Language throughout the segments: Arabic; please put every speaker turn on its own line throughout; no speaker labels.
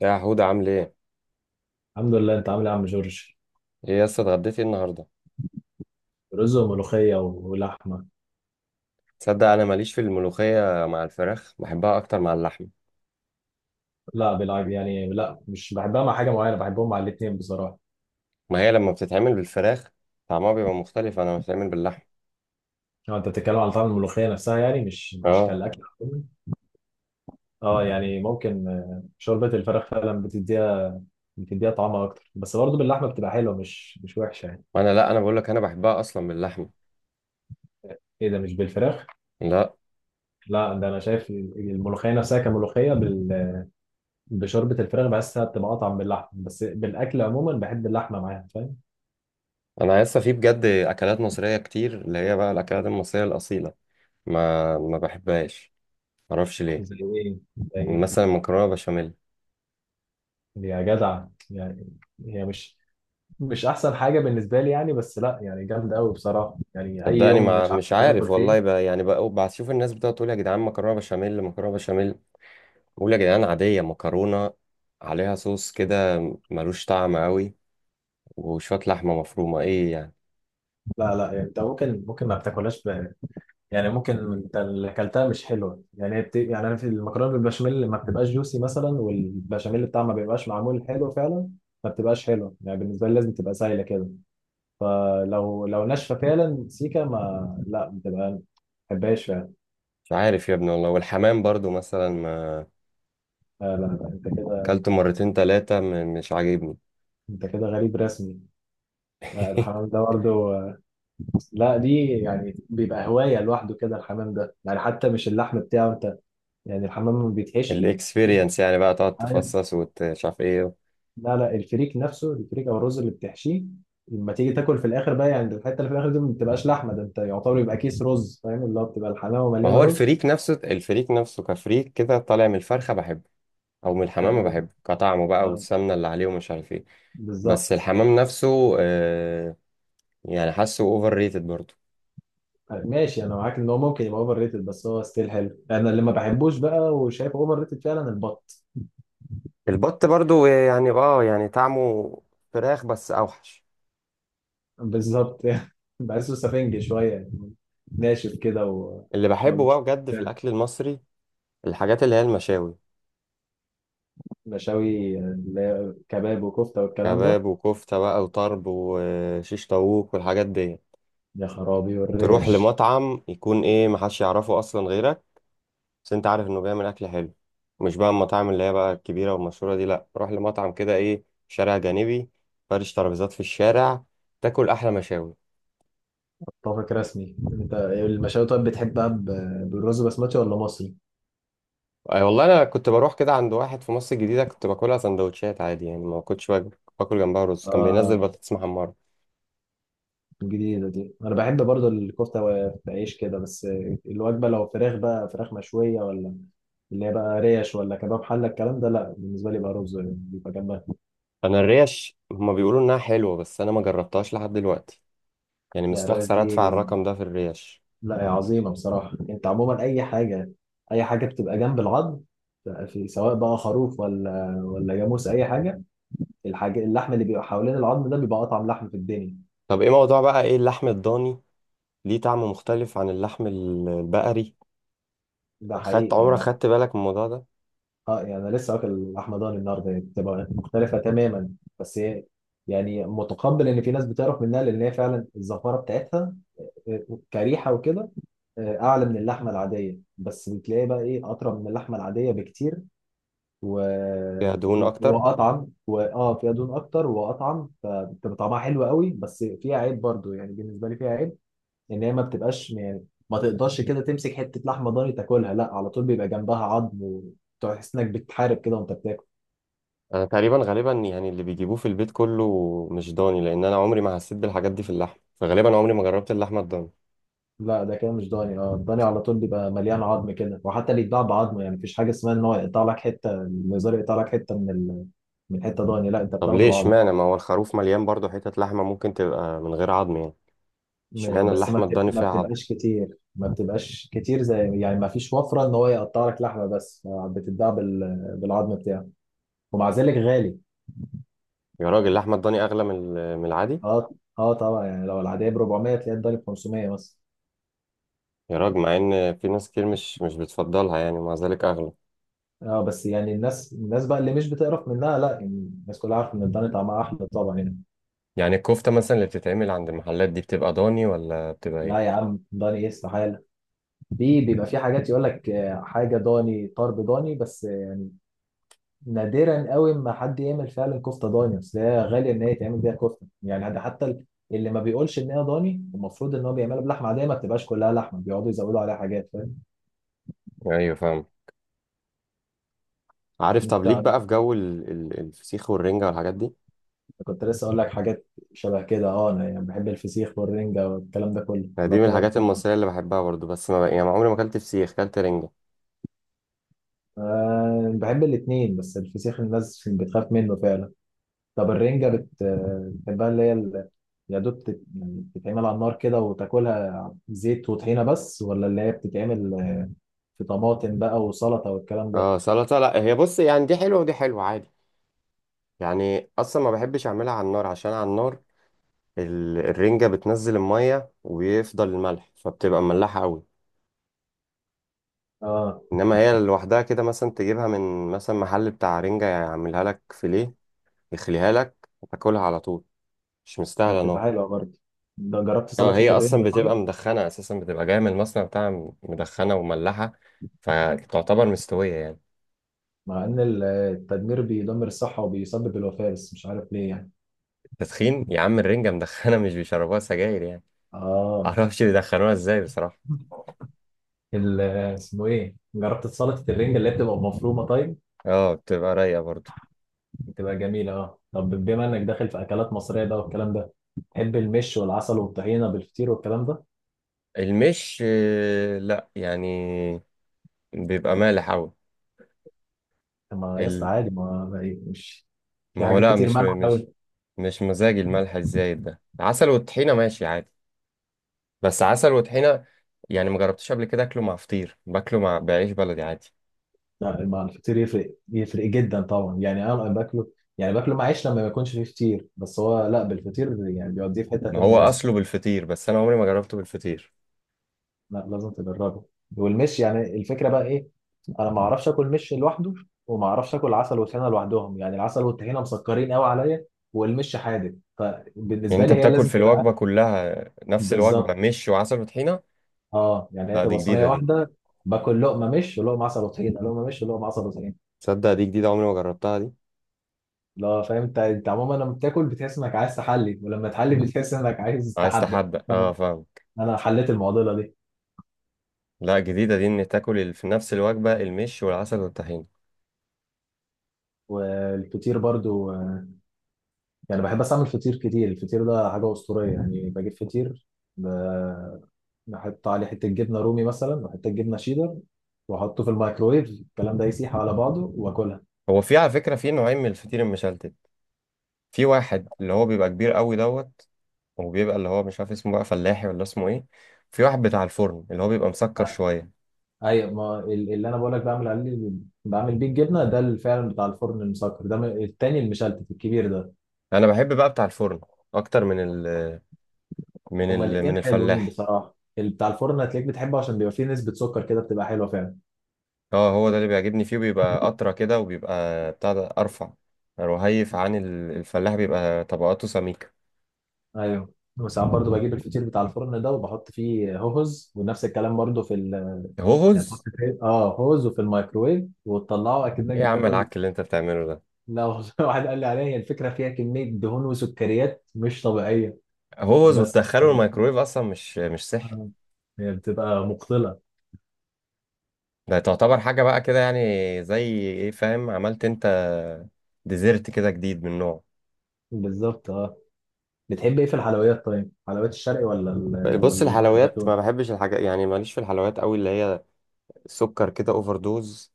يا حودة عامل ايه؟
الحمد لله، انت عامل ايه يا عم جورج؟
ايه يا اسطى اتغديتي إيه النهارده؟
رز وملوخيه ولحمه.
تصدق انا ماليش في الملوخية مع الفراخ، بحبها اكتر مع اللحم.
لا بالعب، يعني لا، مش بحبها مع حاجه معينه، بحبهم مع الاثنين بصراحه.
ما هي لما بتتعمل بالفراخ طعمها بيبقى مختلف، انا بتتعمل باللحم.
اه، انت بتتكلم على طعم الملوخيه نفسها، يعني مش
اه.
كالاكل عموماً. اه يعني ممكن. شوربه الفراخ فعلا بتديها طعمها اكتر، بس برضه باللحمه بتبقى حلوه، مش وحشه يعني.
وانا لا، انا بقول لك انا بحبها اصلا باللحم.
ايه ده، مش بالفراخ؟
لا.
لا، ده انا شايف الملوخيه نفسها كملوخيه بشوربه الفراخ بحسها بتبقى اطعم، باللحمه بس بالاكل عموما بحب اللحمه معاها، فاهم؟
انا لسه في بجد اكلات مصرية كتير اللي هي بقى الاكلات المصرية الاصيلة ما بحبهاش. معرفش ليه.
زي ايه؟ زي ايه؟
مثلا مكرونة بشاميل.
يا جدع يعني. هي مش احسن حاجه بالنسبه لي يعني، بس لا يعني جامد قوي بصراحه، يعني اي
صدقني
يوم
ما
مش عارف
مش
ناكل
عارف والله
فيه.
بقى يعني بقى بشوف الناس بتقعد تقول يا جدعان مكرونة بشاميل، مكرونة بشاميل. بقول يا جدعان عادية، مكرونة عليها صوص كده، ملوش طعم قوي وشوية لحمة مفرومة، ايه يعني.
لا لا، يعني انت ممكن ما بتاكلهاش يعني ممكن انت اللي اكلتها مش حلوه، يعني هي يعني انا في المكرونه بالبشاميل ما بتبقاش جوسي مثلا، والبشاميل بتاعها ما بيبقاش معمول حلو فعلا. ما بتبقاش حلوه يعني بالنسبه لي، لازم تبقى سايله كده. فلو ناشفه فعلا سيكا، ما لا بتبقى، ما بحبهاش فعلا.
مش عارف يا ابني والله، والحمام برضو مثلا ما
لا لا لا، انت كده
اكلت مرتين تلاتة مش عاجبني.
انت كده غريب رسمي. لا، الحمام ده برضه، لا دي يعني بيبقى هواية لوحده كده، الحمام ده يعني، حتى مش اللحم بتاعه انت، يعني الحمام ما بيتحشي. دي،
الاكسبيرينس يعني بقى تقعد
ايوه،
تفصص ومش عارف ايه.
لا لا، الفريك نفسه، الفريك او الرز اللي بتحشيه لما تيجي تاكل في الاخر بقى، يعني الحته اللي في الاخر دي ما بتبقاش لحمه، ده انت يعتبر يبقى كيس رز، فاهم؟ اللي هو بتبقى الحمامه
ما
مليانه
هو
رز.
الفريك نفسه الفريك نفسه كفريك كده طالع من الفرخة بحبه، او من
آه،
الحمام
ب-
بحبه كطعمه بقى
آه،
والسمنة اللي عليه ومش عارف ايه. بس
بالظبط.
الحمام نفسه يعني حاسه اوفر ريتد برضو.
آه، ماشي، انا معاك ان هو ممكن يبقى اوفر ريتد، بس هو ستيل حلو. انا اللي ما بحبوش بقى وشايفه اوفر ريتد فعلا البط.
البط برضو يعني يعني طعمه فراخ بس اوحش.
بالظبط يعني بحسه سفنج شوية يعني، ناشف كده و
اللي
ما
بحبه بقى
مش-
بجد في الاكل المصري الحاجات اللي هي المشاوي.
مشاوي، اللي هي كباب وكفتة والكلام ده.
كباب وكفتة بقى وطرب وشيش طاووق والحاجات دي.
يا خرابي،
تروح
والريش.
لمطعم يكون ايه محدش يعرفه اصلا غيرك، بس انت عارف انه بيعمل اكل حلو. مش بقى المطاعم اللي هي بقى الكبيرة والمشهورة دي، لا روح لمطعم كده ايه شارع جانبي، فرش ترابيزات في الشارع، تاكل احلى مشاوي.
اتفق رسمي، انت المشاوي طيب بتحبها بالرز بسمتي ولا مصري؟
أي والله انا كنت بروح كده عند واحد في مصر الجديده، كنت باكلها سندوتشات عادي يعني ما كنتش باكل جنبها رز، كان بينزل
اه،
بطاطس محمره.
جديدة دي. انا بحب برضو الكفتة بعيش كده بس. الوجبة لو فراخ بقى، فراخ مشوية، ولا اللي هي بقى ريش ولا كباب حلة، الكلام ده لا، بالنسبة لي بقى رز يعني بيبقى جنبها.
انا الريش هما بيقولوا انها حلوه بس انا ما جربتهاش لحد دلوقتي، يعني
يعني الريش
مستخسر ادفع
دي،
الرقم ده في الريش.
لا يا عظيمة بصراحة، انت عموما اي حاجة، اي حاجة بتبقى جنب العظم، في سواء بقى خروف، ولا جاموس، اي حاجة، الحاجة اللحم اللي بيبقى حوالين العظم ده بيبقى اطعم لحم في الدنيا.
طب ايه موضوع بقى ايه اللحم الضاني ليه طعم مختلف عن اللحم البقري؟
ده
خدت
حقيقي
عمرك
يعني.
خدت بالك من الموضوع ده؟
اه، يعني انا لسه واكل لحمة ضاني النهارده، يعني بتبقى مختلفة تماما. بس هي يعني متقبل ان في ناس بتعرف منها، لان هي فعلا الزفارة بتاعتها، آه، كريحة وكده، آه، اعلى من اللحمة العادية، بس بتلاقي بقى ايه، اطرى من اللحمة العادية بكتير و...
فيها دهون اكتر.
واطعم، فيها دهون اكتر، واطعم فبتبقى طعمها حلو قوي، بس فيها عيب برضو يعني بالنسبه لي، فيها عيب ان هي ما بتبقاش يعني، ما تقدرش كده تمسك حته لحمه ضاني تاكلها، لا على طول بيبقى جنبها عظم، وتحس انك بتحارب كده وانت بتاكل.
انا تقريبا غالبا يعني اللي بيجيبوه في البيت كله مش ضاني، لان انا عمري ما حسيت بالحاجات دي في اللحم فغالبا عمري ما جربت اللحمه الضاني.
لا، ده كده مش ضاني. اه، الضاني على طول بيبقى مليان عظم كده، وحتى اللي يتباع بعظم، يعني مفيش حاجه اسمها ان هو يقطع لك حته، الجزار يقطع لك حته من حته ضاني، لا، انت
طب
بتاخده
ليه
بعظم.
اشمعنى ما هو الخروف مليان برضه حتت لحمة ممكن تبقى من غير عظم يعني. اشمعنى
بس
اللحمة الضاني
ما
فيها عظم.
بتبقاش كتير ما بتبقاش كتير زي يعني ما فيش وفرة ان هو يقطع لك لحمة، بس بتتباع بالعظم بتاعه. ومع ذلك غالي.
يا راجل اللحمة الضاني أغلى من العادي.
اه اه طبعا، يعني لو العادية ب 400، تلاقيها الضاني ب 500 مثلا.
يا راجل، مع إن في ناس كتير مش بتفضلها يعني ومع ذلك أغلى.
اه، بس يعني الناس بقى اللي مش بتقرف منها، لا يعني الناس كلها عارفة ان الضاني طعمها احلى طبعا يعني.
يعني الكفتة مثلا اللي بتتعمل عند المحلات دي بتبقى ضاني ولا بتبقى
لا يا
إيه؟
عم، ضاني ايه، استحالة. في بيبقى في حاجات يقول لك حاجة ضاني، طرب ضاني، بس نادرا قوي ما حد يعمل فعلا كفته ضاني، اصل هي غاليه ان هي تعمل بيها كفته يعني. ده حتى اللي ما بيقولش ان هي ضاني، المفروض ان هو بيعملها بلحمه عاديه ما بتبقاش كلها لحمه، بيقعدوا يزودوا عليها حاجات، فاهم؟
أيوه فاهم. عارف، طب
انت
ليك بقى في جو الفسيخ والرنجة والحاجات دي.
كنت لسه اقول لك حاجات شبه كده. اه انا يعني بحب الفسيخ والرنجه والكلام ده كله،
أنا
ولا
دي من
بتعرف.
الحاجات المصرية اللي بحبها برضه، بس ما يعني عمري ما أكلت فسيخ، أكلت رنجة.
أه، بحب الاثنين، بس الفسيخ الناس بتخاف منه فعلا. طب الرنجه بتحبها، اللي هي يا دوب يعني بتتعمل على النار كده وتاكلها زيت وطحينة بس، ولا اللي هي بتتعمل في طماطم بقى وسلطة والكلام ده.
اه سلطة، لا هي بص يعني دي حلوة ودي حلوة عادي. يعني اصلا ما بحبش اعملها على النار عشان على النار الرنجة بتنزل المية ويفضل الملح فبتبقى مملحة قوي.
اه،
انما هي لوحدها كده مثلا تجيبها من مثلا محل بتاع رنجة يعملها لك فيليه، يخليها لك وتاكلها على طول، مش
هي
مستاهلة
بتبقى
نار.
حلوة برضه. ده، جربت
هو هي
سلطة
اصلا
الرنج
بتبقى
طيب؟
مدخنة اساسا، بتبقى جاية من المصنع بتاعها مدخنة ومملحة، فتعتبر مستوية يعني.
مع ان التدمير بيدمر الصحة وبيسبب الوفاة، بس مش عارف ليه يعني.
تدخين يا عم، الرنجة مدخنة مش بيشربوها سجاير يعني.
اه،
معرفش بيدخنوها ازاي بصراحة.
ال- اسمه ايه، جربت سلطة الرنج اللي هي بتبقى مفرومة طيب؟
اه بتبقى رايقة برضو.
بتبقى جميلة. اه طب بما انك داخل في اكلات مصرية بقى والكلام ده، تحب المش والعسل والطحينة بالفطير والكلام ده؟
المش لا يعني بيبقى مالح أوي.
طب ما يا اسطى
ال...
عادي، مش، في
ما هو
حاجات
لا،
كتير
مش
مالحة.
مش مش مزاج الملح الزايد ده، عسل والطحينة ماشي عادي، بس عسل وطحينة. يعني ما جربتش قبل كده اكله مع فطير، باكله مع بعيش بلدي عادي.
لا الفطير يفرق، يفرق جدا طبعا، يعني انا باكله، يعني باكله مع عيش لما ما يكونش فيه فطير، بس هو لا بالفطير يعني بيوديه في حته
ما هو
تانيه رسمي.
اصله بالفطير بس انا عمري ما جربته بالفطير.
لا، لازم تجربه. والمش يعني الفكره بقى ايه، انا ما اعرفش اكل مش لوحده، وما اعرفش اكل عسل وطحينه لوحدهم، يعني العسل والطحينه مسكرين قوي عليا، والمش حادق،
يعني
فبالنسبه
انت
لي هي
بتاكل
لازم
في
تبقى
الوجبة كلها نفس الوجبة
بالظبط.
مش وعسل وطحينة؟
اه، يعني هي
لا دي
تبقى صينيه
جديدة دي.
واحده، باكل لقمه مش ولقمه عسل وطحينه، لقمه مش ولقمه عسل وطحينه.
تصدق دي جديدة عمري ما جربتها دي.
لا، فاهم انت عموما لما بتاكل بتحس انك عايز تحلي، ولما تحلي بتحس انك عايز
عايز
تحدى.
تحدى، اه
انا
فاهمك.
انا حليت المعضله دي.
لا جديدة دي، ان تاكل في نفس الوجبة المش والعسل والطحينة.
والفطير برضو، يعني بحب بس اعمل فطير كتير، الفطير ده حاجه اسطوريه يعني. بجيب فطير، ب- بحط عليه حته جبنه رومي مثلا، وحته جبنه شيدر، واحطه في الميكرويف، الكلام ده يسيح على بعضه واكلها.
هو في على فكرة في نوعين من الفطير المشلتت. في واحد اللي هو بيبقى كبير قوي دوت. وبيبقى اللي هو مش عارف اسمه بقى فلاحي ولا اسمه ايه. في واحد بتاع الفرن اللي هو بيبقى مسكر
آه.
شوية.
ايوه ما اللي انا بقول لك بعمل عليه، بعمل بيه الجبنه ده، اللي فعلا بتاع الفرن المسكر ده، التاني المشلتت الكبير ده.
انا بحب بقى بتاع الفرن اكتر من ال من
هما
ال
الاثنين
من
حلوين
الفلاح.
بصراحه، بتاع الفرن هتلاقيك بتحبه عشان بيبقى فيه نسبه سكر كده بتبقى حلوه فعلا.
اه، هو ده اللي بيعجبني فيه بيبقى اطرى كده وبيبقى بتاع ده ارفع، رهيف عن الفلاح بيبقى طبقاته سميكة.
ايوه. وساعات برضو بجيب الفطير بتاع الفرن ده وبحط فيه هوز، ونفس الكلام برضو يعني تحط
هوز.
فيه هوز، وفي الميكرويف، وتطلعه اكنك
ايه يا عم
بتاكل.
العك اللي انت بتعمله ده.
لا والله واحد قال لي عليها، هي الفكره فيها كميه دهون وسكريات مش طبيعيه،
هوز
بس.
وتدخله الميكرويف اصلا مش صحي.
آه. هي بتبقى مقتله.
ده تعتبر حاجة بقى كده، يعني زي ايه، فاهم عملت انت ديزرت كده جديد من نوعه.
بالظبط. اه بتحب ايه في الحلويات طيب؟ حلويات الشرقي ولا
بص،
ولا
الحلويات
الجاتون؟
ما بحبش الحاجات يعني ماليش في الحلويات قوي اللي هي السكر كده اوفر دوز.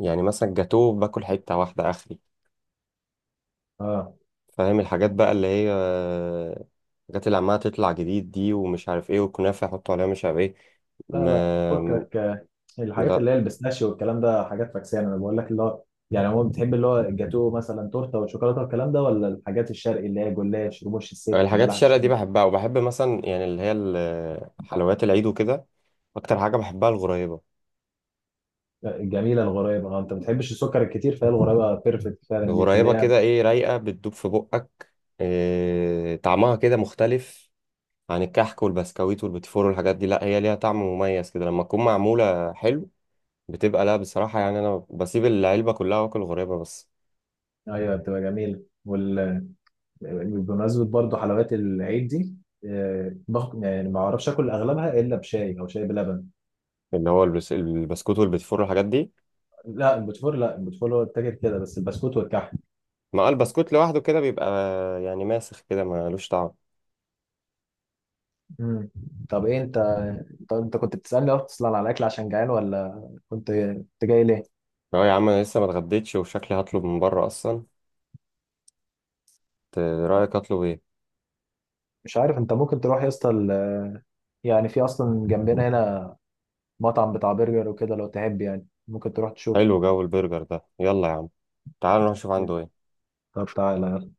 يعني مثلا جاتوه باكل حته واحده اخري.
اه،
فاهم الحاجات بقى اللي هي الحاجات اللي عماله تطلع جديد دي ومش عارف ايه والكنافه يحطوا عليها مش عارف ايه.
لا
ما
لا فكك، الحاجات
لا،
اللي هي البيستاشيو والكلام ده حاجات فاكسيه، انا بقول لك اللي هو يعني. هو بتحب اللي هو الجاتو، مثلا تورته والشوكولاته والكلام ده، ولا الحاجات الشرقي اللي هي جلاش، رموش الست،
الحاجات
بلح
الشرقية دي
الشام؟
بحبها، وبحب مثلا يعني اللي هي حلويات العيد وكده. اكتر حاجه بحبها الغريبه.
آه، الجميله الغريبه، انت ما بتحبش السكر الكتير، فهي الغريبه بيرفكت فعلا ليك اللي
الغريبه
هي.
كده ايه، رايقه بتدوب في بقك. إيه طعمها كده مختلف عن الكحك والبسكويت والبيتفور والحاجات دي، لا هي ليها طعم مميز كده لما تكون معمولة حلو. بتبقى، لا بصراحة يعني، أنا بسيب العلبة كلها وآكل غريبة بس.
ايوه، بتبقى جميله بمناسبه برضه حلويات العيد دي. آه، باخد، يعني ما اعرفش اكل اغلبها الا بشاي او شاي بلبن.
اللي هو البسكوت والبيتفور والحاجات دي.
لا البوتفور هو التاجر كده، بس البسكوت والكحك.
ما البسكوت لوحده كده بيبقى يعني ماسخ كده ملوش طعم.
مم. طب ايه انت، طب انت كنت بتسألني اصلا على الاكل عشان جعان، ولا كنت جاي ليه؟
اه يا عم، أنا لسه ما اتغديتش وشكلي هطلب من بره أصلا. رأيك أطلب إيه؟
مش عارف، انت ممكن تروح يا اسطى يعني في اصلا جنبنا هنا مطعم بتاع برجر وكده، لو تحب يعني ممكن تروح تشوف.
حلو جو البرجر ده، يلا يا عم تعال نروح نشوف عنده إيه.
طب تعالى.